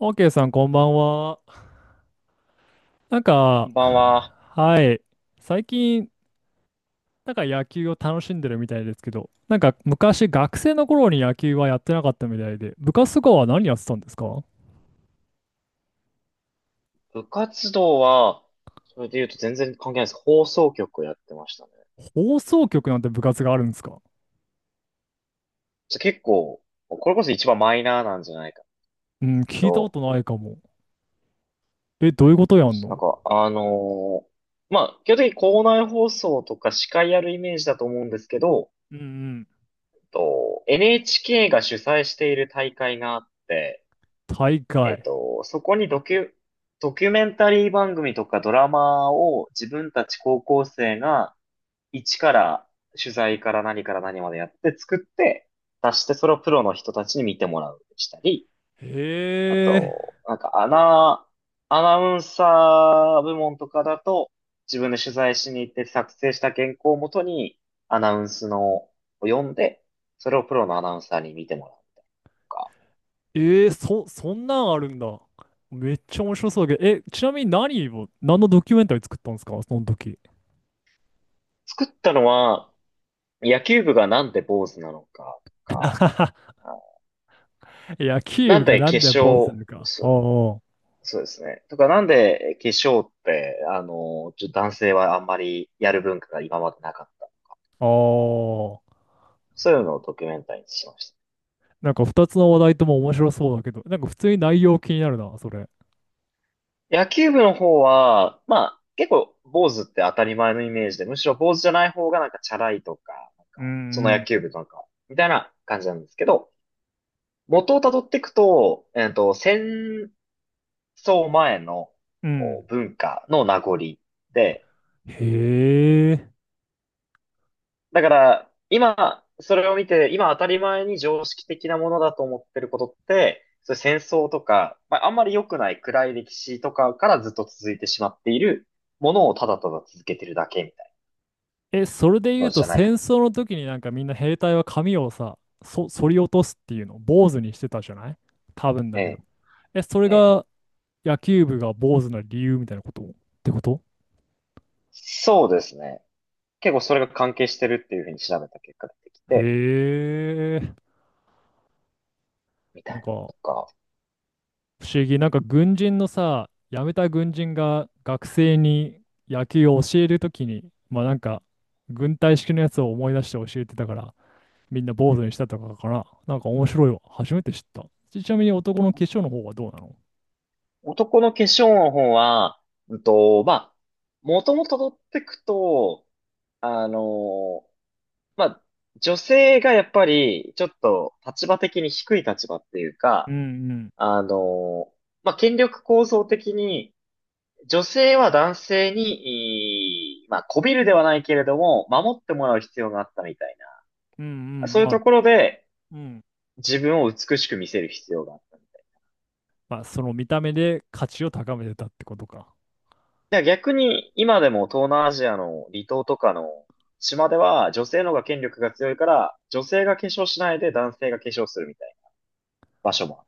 OK さん、こんばんは。なんこか、んばんは。はい。最近、なんか野球を楽しんでるみたいですけど、なんか昔、学生の頃に野球はやってなかったみたいで、部活とかは何やってたんですか？部活動は、それで言うと全然関係ないです。放送局をやってましたね。放送局なんて部活があるんですか？ちょ結構、これこそ一番マイナーなんじゃないかうん、け聞いたこど、とないかも。え、どういうことそうやでんすね。の？基本的に校内放送とか司会やるイメージだと思うんですけど、うんうん。と NHK が主催している大会があって、大会。そこにドキュメンタリー番組とかドラマを自分たち高校生が一から取材から何から何までやって作って出して、それをプロの人たちに見てもらうしたり、へあえ。と、アナウンサー部門とかだと自分で取材しに行って作成した原稿をもとに、アナウンスのを読んで、それをプロのアナウンサーに見てもらうみたいなとか。そんなんあるんだ。めっちゃ面白そうだけど、え、ちなみに何を、何のドキュメンタリー作ったんですかその時。作ったのは、野球部がなんで坊主なのかとか、あ、野球な部んがでなんで決坊主な勝、のか。すおうそうですね。とか、なんで化粧って、あの、ちょ男性はあんまりやる文化が今までなかった。おう。ああ。そういうのをドキュメンタリーにしました。なんか二つの話題とも面白そうだけど、なんか普通に内容気になるな、それ。野球部の方は、まあ、結構、坊主って当たり前のイメージで、むしろ坊主じゃない方がなんかチャラいとか、なんうんか、そのう野球ん。部とか、みたいな感じなんですけど、元をたどっていくと、戦争前のうおん。文化の名残で、へえ。だから、今、それを見て、今当たり前に常識的なものだと思ってることって、そういう戦争とか、まあ、あんまり良くない暗い歴史とかからずっと続いてしまっているものを、ただただ続けてるだけみたいえ、それでな言のうじとゃないか。戦争の時になんかみんな兵隊は髪をさ、そ、剃り落とすっていうの、坊主にしてたじゃない、多分えだけど。え、え、それええ。が野球部が坊主な理由みたいなことってこと？そうですね。結構それが関係してるっていうふうに調べた結果出てきて、へえ。みたいなんなのかとか。不思議。なんか軍人のさ、辞めた軍人が学生に野球を教えるときに、まあなんか軍隊式のやつを思い出して教えてたから、みんな坊う主ん。にしたとかかな。なんか面白いわ。初めて知った。ちちなみに男の化粧の方はどうなの？男の化粧の方は、まあ、もともと取ってくと、あのまあ、女性がやっぱり、ちょっと立場的に低い立場っていううか、んうん。あの、まあ、権力構造的に、女性は男性に、いいまあ、媚びるではないけれども、守ってもらう必要があったみたいうんうな。ん。そういうまとあ、ころで、うん。自分を美しく見せる必要があった。まあその見た目で価値を高めてたってことか。だから逆に、今でも東南アジアの離島とかの島では、女性の方が権力が強いから、女性が化粧しないで男性が化粧するみたいな場所もある。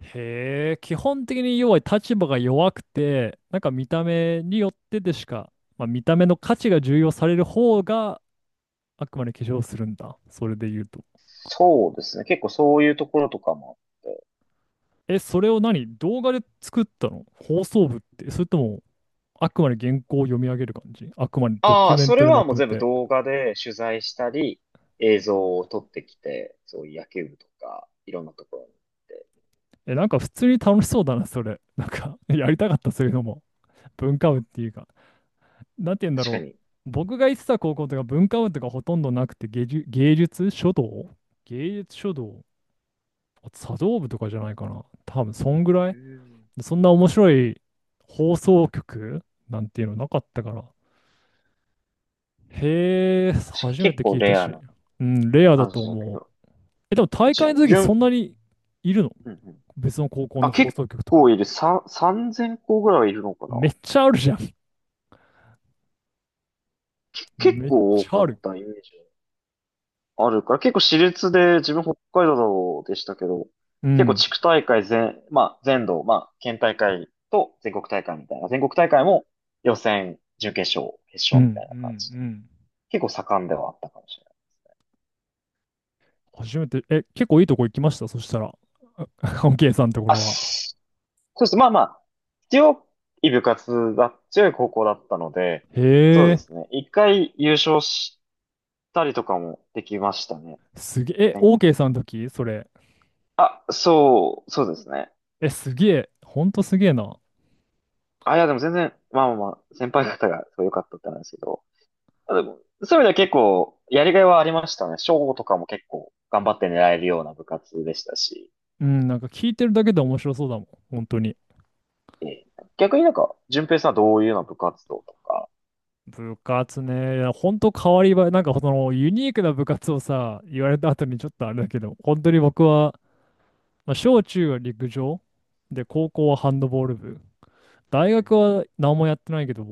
へえ、基本的に要は立場が弱くて、なんか見た目によってでしか、まあ、見た目の価値が重要される方があくまで化粧するんだ。それで言うと。そうですね。結構そういうところとかもあって。え、それを何動画で作ったの放送部って。それとも、あくまで原稿を読み上げる感じ、あくまでドあキュあ、メンそトれでまはもとうめ全部て。動画で取材したり、映像を撮ってきて、そういう野球部とか、いろんなところに行って。え、なんか普通に楽しそうだな、それ。なんか やりたかった、そういうのも。文化部っていうか。なんて言うんだ確ろかに。う。僕が行ってた高校とか文化部とかほとんどなくて、芸術、芸術書道、芸術書道、あ、茶道部とかじゃないかな。多分、そんぐらうい。ん。そんな面白い放送局なんていうのなかったから。へえ、確かに初め結て構聞いたレアし。なうん、レアだ感とじだけ思う。ど。え、でも大じ会のゅ、じ時ゅそん、んなにいるの？うんうん。別の高校あ、の放結送局とか。構いる。3000個ぐらいいるのかな。めっちゃあるじゃん。結めっ構多ちゃかあっる。たイメージ。あるから、結構私立で、自分北海道でしたけど、う結構ん。地区大会まあ全土、まあ県大会と全国大会みたいな、全国大会も予選、準決勝、決うん。勝うん。うみたいな感じで、ん。結構盛んではあったかもしれない。初めて、え、結構いいとこ行きましたそしたら。あ OK さんのとこあ、ろは。しそうです。まあまあ、強強い高校だったので、へそうでえ、すね。一回優勝したりとかもできましたね。すげえ。え、全国、 OK さんの時それ？あ、そう、そうですね。え、すげえ。ほんとすげえな。あ、いや、でも全然、まあまあまあ、先輩方がすごい良かったってなんですけど、あでもそういう意味では結構、やりがいはありましたね。賞とかも結構頑張って狙えるような部活でしたし。うん、なんか聞いてるだけで面白そうだもん。本当に。ええ、逆になんか、順平さんはどういうような部活動とか、部活ね、いや本当変わりばなんかそのユニークな部活をさ、言われた後にちょっとあれだけど、本当に僕は、まあ、小中は陸上で、高校はハンドボール部。大う学ん、は何もやってないけど、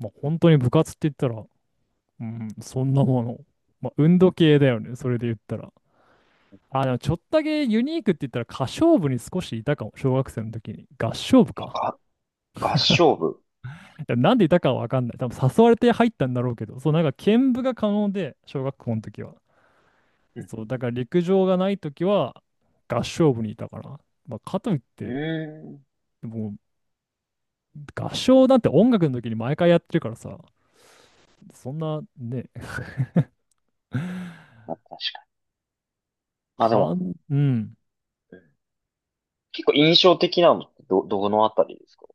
まあ、本当に部活って言ったら、うん、そんなもの。まあ、運動系だよね、それで言ったら。あ、でもちょっとだけユニークって言ったら歌唱部に少しいたかも、小学生の時に。合唱部あか。が合唱部。いやなんでいたかはわかんない。多分誘われて入ったんだろうけど、そう、なんか兼部が可能で、小学校の時は。うんそう、だから陸上がないときは合唱部にいたから。まあ、かといっうんて、うんうーん。もう合唱なんて音楽の時に毎回やってるからさ、そんなね、まあ確かに。まあではも、ん、うん、うん、結構印象的なのってどのあたりですか？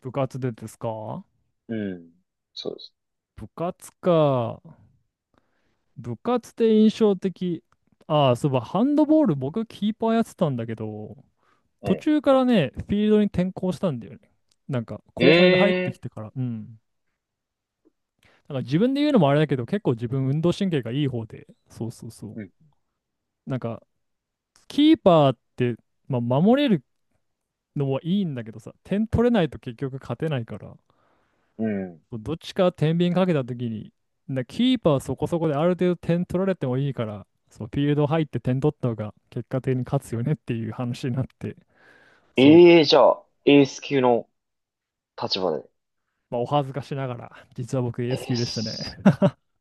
部活でですか？うん。そうです。部活か。部活で印象的。ああ、そういえばハンドボール僕キーパーやってたんだけど、途え中からね、フィールドに転向したんだよね。なんか後輩が入ってえ。きえ、てから。うん。なんか自分で言うのもあれだけど、結構自分運動神経がいい方で、そうそうそう。うんなんかキーパーって、まあ、守れるのはいいんだけどさ、点取れないと結局勝てないから、うん、え、うん。どっちか天秤かけた時に、なキーパーそこそこである程度点取られてもいいから、そう、フィールド入って点取った方が結果的に勝つよねっていう話になって、そう、ええ、じゃあ、エース級の立場で。まあ、お恥ずかしながら、実は僕 え AS え、級でしたね。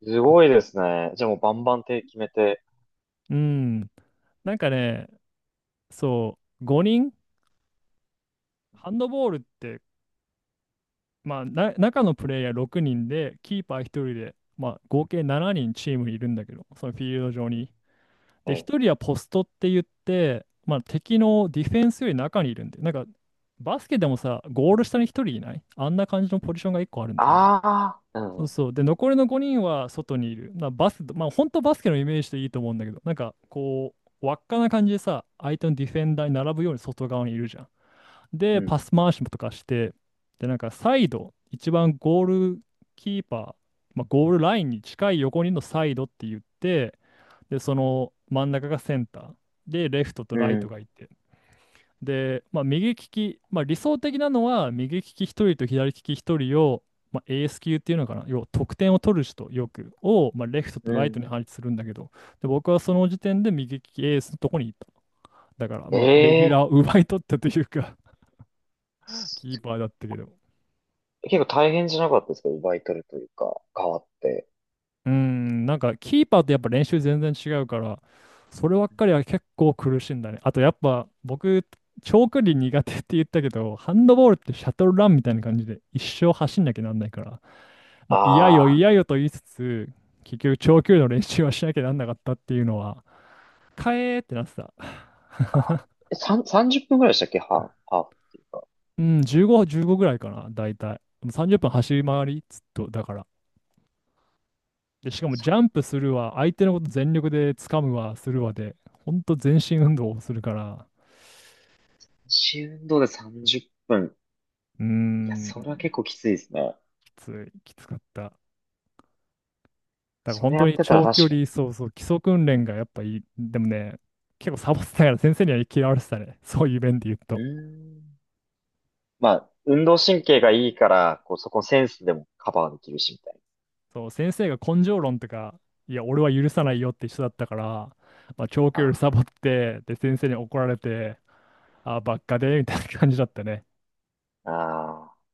すごいですね。じゃあもうバンバン手決めて。うん、なんかね、そう、5人、ハンドボールってまあ、な中のプレイヤー6人で、キーパー1人で、まあ、合計7人チームにいるんだけど、そのフィールド上に。えで、え。1人はポストって言って、まあ、敵のディフェンスより中にいるんで、なんか、バスケでもさ、ゴール下に1人いないあんな感じのポジションが1個あるんだよね。ああ、うそうん、そう。で、残りの5人は外にいる。なバス、まあ、本当バスケのイメージでいいと思うんだけど、なんか、こう、輪っかな感じでさ、相手のディフェンダーに並ぶように外側にいるじゃん。うで、パん、ス回しもとかして、で、なんかサイド、一番ゴールキーパー、まあ、ゴールラインに近い横にのサイドって言って、で、その真ん中がセンター、で、レフトとうライトん、がいて、で、まあ、右利き、まあ、理想的なのは、右利き1人と左利き1人を、まあ、エース級っていうのかな、要は得点を取る人、よく、を、まあ、レフトとうライトにん。配置するんだけど、で、僕はその時点で右利きエースのとこにいた。だから、まあ、レギュえラーえを奪い取ったというか、キすーパーだったけど。結構大変じゃなかったですか、奪い取るというか、変わって。うん、なんかキーパーとやっぱ練習全然違うから、そればっかりは結構苦しいんだね。あとやっぱ僕、長距離苦手って言ったけど、ハンドボールってシャトルランみたいな感じで一生走んなきゃなんないから、まあ嫌よああ、嫌よと言いつつ、結局長距離の練習はしなきゃなんなかったっていうのは、かえーってなってた。えさん30分ぐらいでしたっけ、ハーフ、ハーフっていうか。うん、15、15ぐらいかな、大体。30分走り回り、ずっと、だから。で、しかもジャ三ンプするわ、相手のこと全力で掴むわ、するわで、ほんと全身運動をするから、周運動で30分。うーいや、それはん、結構きついですね。きつい、きつかった。だからそ本れや当っにてたら長距確かに。離、そうそう、基礎訓練がやっぱいい。でもね、結構サボってたから先生には嫌われてたね。そういう面で言ううと。ーん。まあ、運動神経がいいから、こう、そこセンスでもカバーできるし、みたいそう、先生が根性論とか、いや、俺は許さないよって人だったから、まあ、長距離な。サボって、で、先生に怒られて、あ、ばっかで、みたいな感じだったね。ああ。ああ。